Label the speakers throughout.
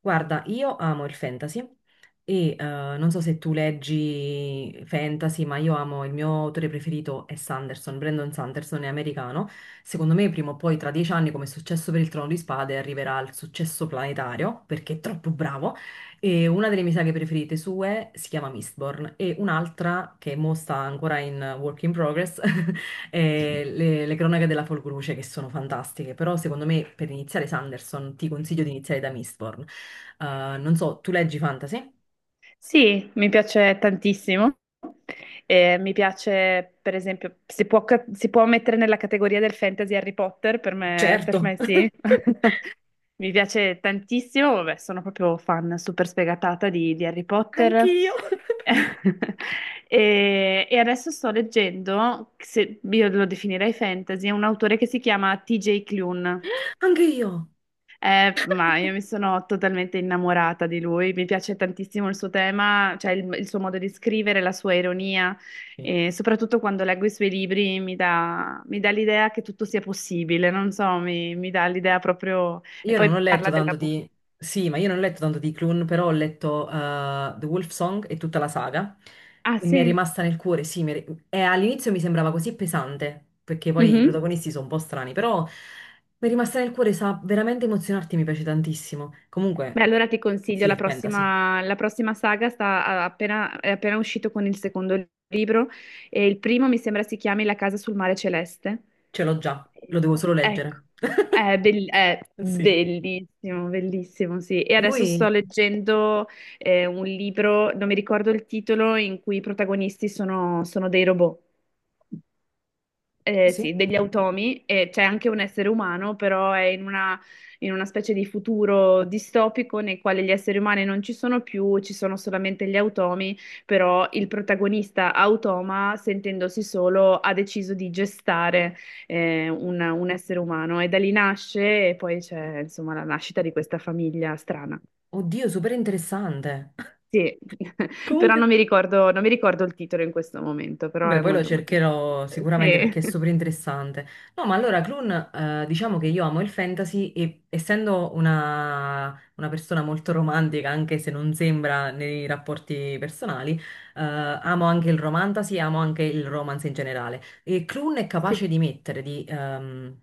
Speaker 1: Guarda, io amo il fantasy e non so se tu leggi fantasy, ma il mio autore preferito è Sanderson, Brandon Sanderson è americano. Secondo me prima o poi tra 10 anni, come è successo per il Trono di Spade, arriverà al successo planetario perché è troppo bravo. E una delle mie saghe preferite sue si chiama Mistborn e un'altra che mo sta ancora in work in progress. Le cronache della Folgoluce che sono fantastiche, però secondo me per iniziare Sanderson ti consiglio di iniziare da Mistborn. Non so, tu leggi fantasy?
Speaker 2: Sì, mi piace tantissimo. Mi piace, per esempio, si può mettere nella categoria del fantasy Harry Potter, per
Speaker 1: Certo.
Speaker 2: me sì. Mi piace tantissimo, vabbè, sono proprio fan super sfegatata di Harry Potter.
Speaker 1: Anch'io.
Speaker 2: E adesso sto leggendo, se io lo definirei fantasy, un autore che si chiama T.J. Clune.
Speaker 1: Anche io.
Speaker 2: Ma io mi sono totalmente innamorata di lui, mi piace tantissimo il suo tema, cioè il suo modo di scrivere, la sua ironia e soprattutto quando leggo i suoi libri mi dà l'idea che tutto sia possibile, non so, mi dà l'idea proprio... E
Speaker 1: Io non
Speaker 2: poi
Speaker 1: ho letto
Speaker 2: parla
Speaker 1: tanto
Speaker 2: dell'amore.
Speaker 1: di... Sì, ma io non ho letto tanto di Clun, però ho letto The Wolf Song e tutta la saga
Speaker 2: Ah
Speaker 1: e mi è
Speaker 2: sì?
Speaker 1: rimasta nel cuore. Sì, e all'inizio mi sembrava così pesante, perché poi i
Speaker 2: Mhm.
Speaker 1: protagonisti sono un po' strani, però mi è rimasta nel cuore, sa veramente emozionarti, mi piace tantissimo.
Speaker 2: Beh,
Speaker 1: Comunque,
Speaker 2: allora ti consiglio
Speaker 1: sì, è fantasy,
Speaker 2: la prossima saga, è appena uscito con il secondo libro e il primo mi sembra si chiami La casa sul mare celeste.
Speaker 1: ce l'ho già, lo devo solo
Speaker 2: Ecco,
Speaker 1: leggere.
Speaker 2: è
Speaker 1: Sì.
Speaker 2: bellissimo, bellissimo, sì. E adesso
Speaker 1: Lui...
Speaker 2: sto leggendo un libro, non mi ricordo il titolo, in cui i protagonisti sono dei robot,
Speaker 1: Sì.
Speaker 2: sì, degli automi, e c'è anche un essere umano, però è in una specie di futuro distopico nel quale gli esseri umani non ci sono più, ci sono solamente gli automi, però il protagonista automa, sentendosi solo, ha deciso di gestare un essere umano e da lì nasce e poi c'è insomma la nascita di questa famiglia strana.
Speaker 1: Oddio, super interessante.
Speaker 2: Sì, però
Speaker 1: Comunque...
Speaker 2: non mi ricordo, non mi ricordo il titolo in questo momento, però
Speaker 1: Vabbè,
Speaker 2: è
Speaker 1: poi lo
Speaker 2: molto molto
Speaker 1: cercherò
Speaker 2: bello.
Speaker 1: sicuramente perché è
Speaker 2: Sì.
Speaker 1: super interessante. No, ma allora, Clun, diciamo che io amo il fantasy e, essendo una persona molto romantica, anche se non sembra nei rapporti personali, amo anche il romantasy e amo anche il romance in generale. E Clun è
Speaker 2: Sì,
Speaker 1: capace di mettere,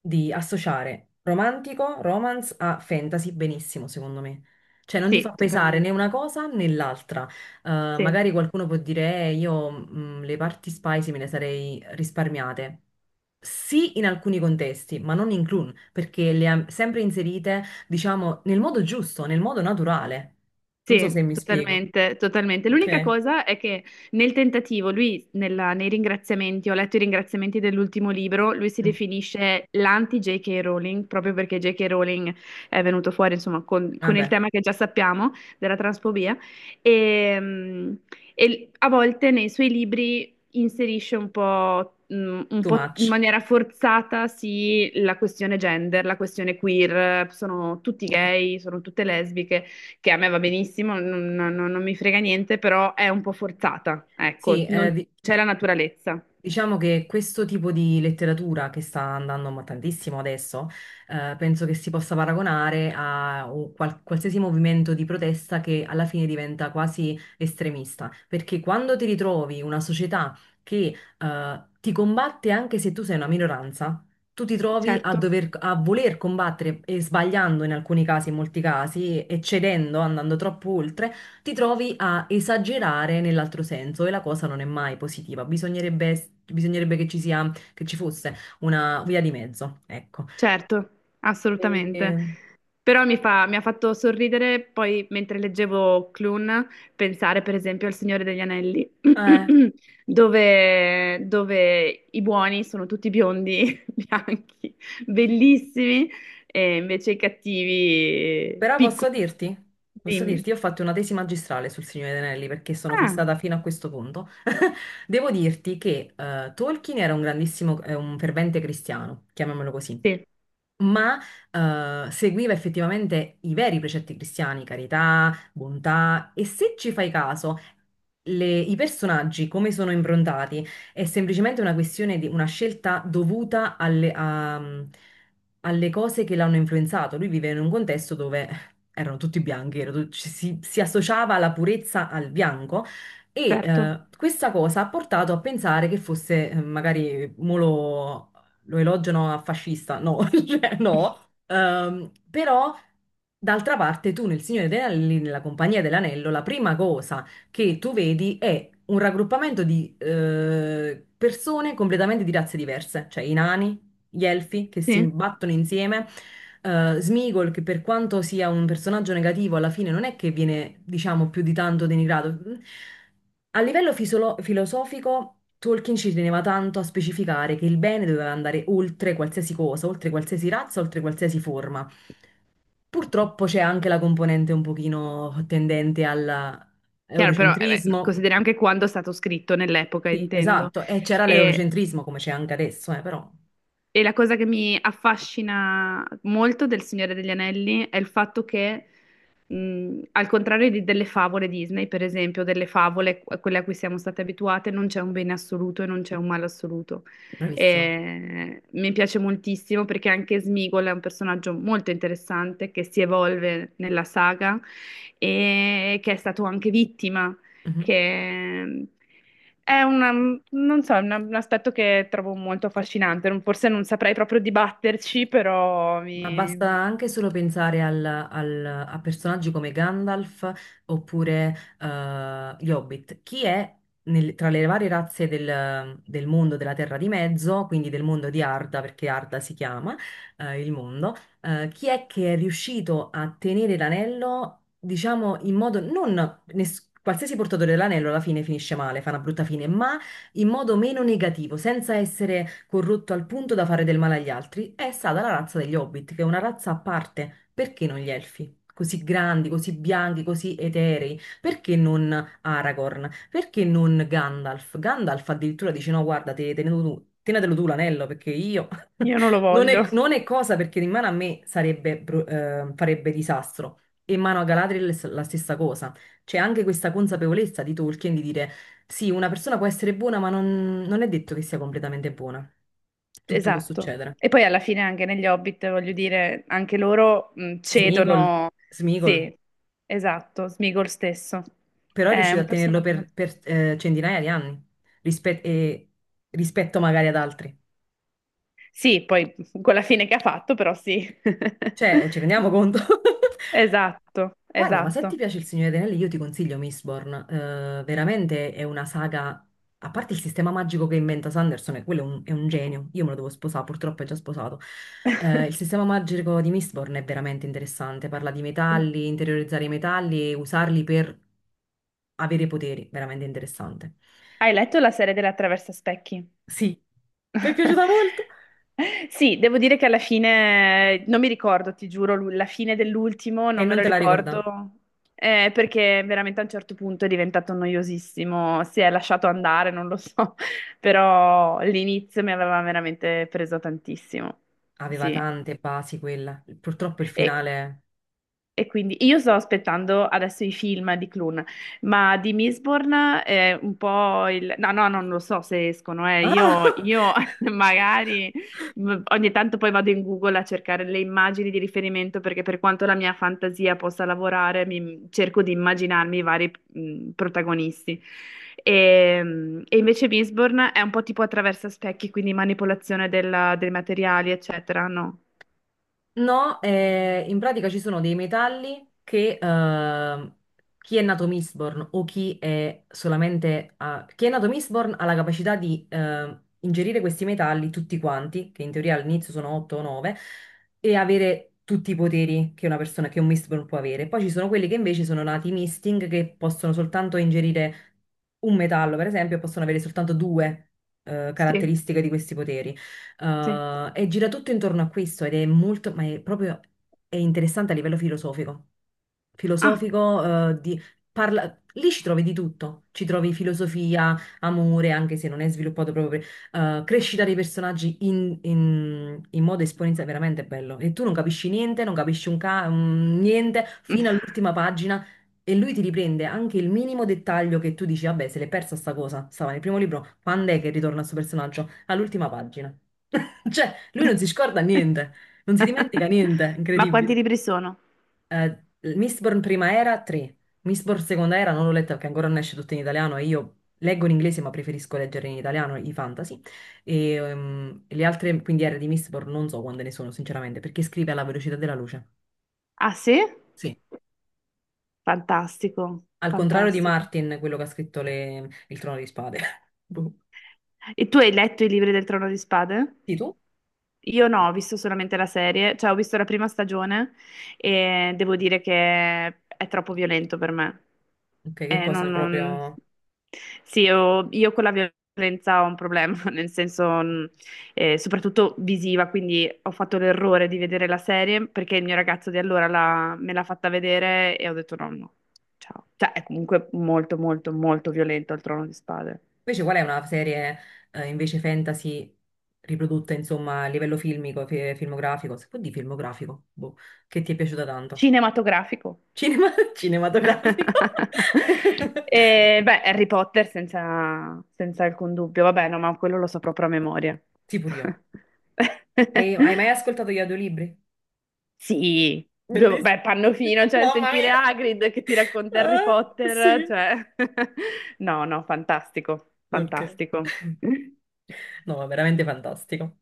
Speaker 1: di associare romantico, romance a fantasy benissimo, secondo me. Cioè, non ti
Speaker 2: sì,
Speaker 1: fa pesare
Speaker 2: totalmente.
Speaker 1: né una cosa né l'altra. Eh,
Speaker 2: Sì,
Speaker 1: Magari qualcuno può dire: "Io le parti spicy me le sarei risparmiate. Sì, in alcuni contesti, ma non in clown, perché le ha sempre inserite, diciamo, nel modo giusto, nel modo naturale. Non so se
Speaker 2: sì,
Speaker 1: mi spiego.
Speaker 2: totalmente, totalmente. L'unica
Speaker 1: Ok.
Speaker 2: cosa è che nel tentativo, nei ringraziamenti, ho letto i ringraziamenti dell'ultimo libro, lui si
Speaker 1: Mm.
Speaker 2: definisce l'anti-J.K. Rowling, proprio perché J.K. Rowling è venuto fuori, insomma, con il
Speaker 1: Vabbè,
Speaker 2: tema che già sappiamo della transfobia. E, e a volte nei suoi libri inserisce un po', un
Speaker 1: too
Speaker 2: po' in
Speaker 1: much.
Speaker 2: maniera forzata, sì, la questione gender, la questione queer, sono tutti gay, sono tutte lesbiche. Che a me va benissimo, non mi frega niente, però è un po' forzata, ecco,
Speaker 1: Sì,
Speaker 2: non c'è la naturalezza.
Speaker 1: diciamo che questo tipo di letteratura che sta andando ma tantissimo adesso, penso che si possa paragonare a un qualsiasi movimento di protesta che alla fine diventa quasi estremista, perché quando ti ritrovi una società che, ti combatte anche se tu sei una minoranza, tu ti trovi a
Speaker 2: Certo,
Speaker 1: dover, a voler combattere e sbagliando in alcuni casi, in molti casi, e cedendo, andando troppo oltre ti trovi a esagerare nell'altro senso e la cosa non è mai positiva. Bisognerebbe, bisognerebbe che ci sia, che ci fosse una via di mezzo, ecco.
Speaker 2: certo, assolutamente.
Speaker 1: E-
Speaker 2: Però mi ha fatto sorridere poi mentre leggevo Clun, pensare per esempio al Signore degli Anelli,
Speaker 1: eh,
Speaker 2: dove i buoni sono tutti biondi, bianchi, bellissimi, e invece i cattivi
Speaker 1: però posso
Speaker 2: piccoli.
Speaker 1: dirti,
Speaker 2: Dimmi.
Speaker 1: io ho fatto una tesi magistrale sul Signore degli Anelli perché sono
Speaker 2: Ah,
Speaker 1: fissata fino a questo punto. Devo dirti che Tolkien era un grandissimo, un fervente cristiano, chiamiamolo così.
Speaker 2: sì,
Speaker 1: Ma seguiva effettivamente i veri precetti cristiani, carità, bontà, e se ci fai caso, i personaggi come sono improntati è semplicemente una questione di una scelta dovuta alle cose che l'hanno influenzato. Lui vive in un contesto dove erano tutti bianchi, era tut- ci si, si associava la purezza al bianco. E
Speaker 2: certo.
Speaker 1: questa cosa ha portato a pensare che fosse, magari, molo lo elogiano a fascista, no, cioè no. Però, d'altra parte, tu nel Signore degli Anelli, nella Compagnia dell'Anello, la prima cosa che tu vedi è un raggruppamento di persone completamente di razze diverse, cioè i nani, gli elfi che si
Speaker 2: Sì,
Speaker 1: battono insieme. Sméagol, che per quanto sia un personaggio negativo, alla fine non è che viene, diciamo, più di tanto denigrato. A livello filosofico, Tolkien ci teneva tanto a specificare che il bene doveva andare oltre qualsiasi cosa, oltre qualsiasi razza, oltre qualsiasi forma. Purtroppo c'è anche la componente un pochino tendente
Speaker 2: chiaro, però beh,
Speaker 1: all'eurocentrismo.
Speaker 2: consideri anche quando è stato scritto, nell'epoca,
Speaker 1: Sì,
Speaker 2: intendo.
Speaker 1: esatto, e c'era
Speaker 2: E
Speaker 1: l'eurocentrismo come c'è anche adesso, però
Speaker 2: E la cosa che mi affascina molto del Signore degli Anelli è il fatto che, al contrario di delle favole Disney, per esempio, delle favole, a quelle a cui siamo state abituate, non c'è un bene assoluto e non c'è un male assoluto.
Speaker 1: bravissima.
Speaker 2: E mi piace moltissimo perché anche Smigol è un personaggio molto interessante che si evolve nella saga e che è stato anche vittima,
Speaker 1: Mhm.
Speaker 2: che è una, non so, un aspetto che trovo molto affascinante. Forse non saprei proprio dibatterci, però
Speaker 1: Ma basta anche solo pensare a personaggi come Gandalf oppure gli Hobbit. Chi è tra le varie razze del mondo della Terra di Mezzo, quindi del mondo di Arda, perché Arda si chiama il mondo, chi è che è riuscito a tenere l'anello, diciamo, in modo non... Qualsiasi portatore dell'anello alla fine finisce male, fa una brutta fine, ma in modo meno negativo, senza essere corrotto al punto da fare del male agli altri, è stata la razza degli Hobbit, che è una razza a parte. Perché non gli elfi? Così grandi, così bianchi, così eterei. Perché non Aragorn? Perché non Gandalf? Gandalf addirittura dice: no, guarda, te, tenetelo tu. Tenetelo tu l'anello perché io
Speaker 2: io non lo
Speaker 1: non è,
Speaker 2: voglio.
Speaker 1: non è cosa, perché in mano a me sarebbe, farebbe disastro. E in mano a Galadriel è la stessa cosa. C'è anche questa consapevolezza di Tolkien di dire: sì, una persona può essere buona, ma non, non è detto che sia completamente buona. Tutto può
Speaker 2: Esatto.
Speaker 1: succedere.
Speaker 2: E poi alla fine anche negli Hobbit, voglio dire, anche loro
Speaker 1: Smigol,
Speaker 2: cedono.
Speaker 1: Smigol,
Speaker 2: Sì, esatto, Smigol stesso.
Speaker 1: però è
Speaker 2: È
Speaker 1: riuscito
Speaker 2: un
Speaker 1: a tenerlo
Speaker 2: personaggio
Speaker 1: per,
Speaker 2: molto...
Speaker 1: centinaia di anni rispe- e- rispetto magari ad altri.
Speaker 2: Sì, poi con la fine che ha fatto, però sì.
Speaker 1: Cioè, ci rendiamo conto?
Speaker 2: Esatto,
Speaker 1: Guarda, ma se ti
Speaker 2: esatto.
Speaker 1: piace Il Signore degli Anelli, io ti consiglio Mistborn. Veramente è una saga, a parte il sistema magico che inventa Sanderson, e quello è un genio. Io me lo devo sposare, purtroppo è già sposato. Il sistema magico di Mistborn è veramente interessante. Parla di
Speaker 2: Com-
Speaker 1: metalli, interiorizzare i metalli e usarli per avere poteri. Veramente interessante.
Speaker 2: Hai letto la serie della Traversa Specchi?
Speaker 1: Sì, mi è piaciuta molto.
Speaker 2: Sì, devo dire che alla fine non mi ricordo, ti giuro, la fine dell'ultimo
Speaker 1: E
Speaker 2: non me
Speaker 1: non
Speaker 2: lo
Speaker 1: te la ricorda?
Speaker 2: ricordo, perché veramente a un certo punto è diventato noiosissimo, si è lasciato andare, non lo so, però l'inizio mi aveva veramente preso tantissimo.
Speaker 1: Aveva
Speaker 2: Sì.
Speaker 1: tante basi quella. Purtroppo il
Speaker 2: E-
Speaker 1: finale...
Speaker 2: e quindi io sto aspettando adesso i film di Clun, ma di Mistborn è un po' il... No, no, non lo so se escono, eh.
Speaker 1: Ah!
Speaker 2: Io magari ogni tanto poi vado in Google a cercare le immagini di riferimento perché per quanto la mia fantasia possa lavorare, cerco di immaginarmi i vari protagonisti. E invece Mistborn è un po' tipo attraverso specchi, quindi manipolazione dei materiali, eccetera, no?
Speaker 1: No, in pratica ci sono dei metalli che chi è nato Mistborn o chi è solamente... chi è nato Mistborn ha la capacità di ingerire questi metalli tutti quanti, che in teoria all'inizio sono 8 o 9, e avere tutti i poteri che una persona, che un Mistborn può avere. Poi ci sono quelli che invece sono nati Misting, che possono soltanto ingerire un metallo, per esempio, e possono avere soltanto due
Speaker 2: Sì,
Speaker 1: caratteristiche di questi poteri.
Speaker 2: sì.
Speaker 1: E gira tutto intorno a questo ed è molto, ma è proprio è interessante a livello filosofico.
Speaker 2: Ah.
Speaker 1: Filosofico, parla, lì ci trovi di tutto. Ci trovi filosofia, amore, anche se non è sviluppato proprio, crescita dei personaggi in modo esponenziale, veramente bello. E tu non capisci niente, non capisci un niente fino all'ultima pagina. E lui ti riprende anche il minimo dettaglio che tu dici: vabbè, se l'è persa sta cosa, stava nel primo libro, quando è che ritorna questo personaggio? All'ultima pagina. Cioè, lui non si scorda niente, non si dimentica niente,
Speaker 2: Ma quanti
Speaker 1: incredibile.
Speaker 2: libri sono?
Speaker 1: Eh, Mistborn prima era 3, Mistborn seconda era non l'ho letta perché ancora non esce tutto in italiano e io leggo in inglese ma preferisco leggere in italiano i fantasy. E le altre quindiere di Mistborn non so quante ne sono sinceramente perché scrive alla velocità della luce.
Speaker 2: Ah, sì?
Speaker 1: Sì,
Speaker 2: Fantastico,
Speaker 1: al contrario di
Speaker 2: fantastico.
Speaker 1: Martin, quello che ha scritto Il Trono di Spade. Boh.
Speaker 2: E tu hai letto i libri del Trono di Spade?
Speaker 1: Sì, tu?
Speaker 2: Io no, ho visto solamente la serie, cioè ho visto la prima stagione e devo dire che è troppo violento per me.
Speaker 1: Ok, che
Speaker 2: Eh, non,
Speaker 1: cosa
Speaker 2: non-
Speaker 1: proprio...
Speaker 2: Sì, io con la violenza ho un problema, nel senso, soprattutto visiva, quindi ho fatto l'errore di vedere la serie perché il mio ragazzo di allora me l'ha fatta vedere e ho detto no, no, ciao. Cioè è comunque molto, molto, molto violento il Trono di Spade.
Speaker 1: Invece qual è una serie invece fantasy riprodotta insomma a livello filmico, filmografico, se può dire filmografico, boh, che ti è piaciuta tanto?
Speaker 2: Cinematografico.
Speaker 1: Cinematografico?
Speaker 2: E, beh, Harry Potter senza, senza alcun dubbio, vabbè, no, ma quello lo so proprio a memoria.
Speaker 1: Sì, pure io. Hai, hai mai ascoltato gli audiolibri?
Speaker 2: Sì, due-
Speaker 1: Bellissimo.
Speaker 2: beh, Pannofino, cioè
Speaker 1: Mamma
Speaker 2: sentire
Speaker 1: mia.
Speaker 2: Hagrid che ti racconta Harry
Speaker 1: Ah,
Speaker 2: Potter,
Speaker 1: sì.
Speaker 2: cioè... No, no, fantastico,
Speaker 1: Ok.
Speaker 2: fantastico.
Speaker 1: No, è veramente fantastico.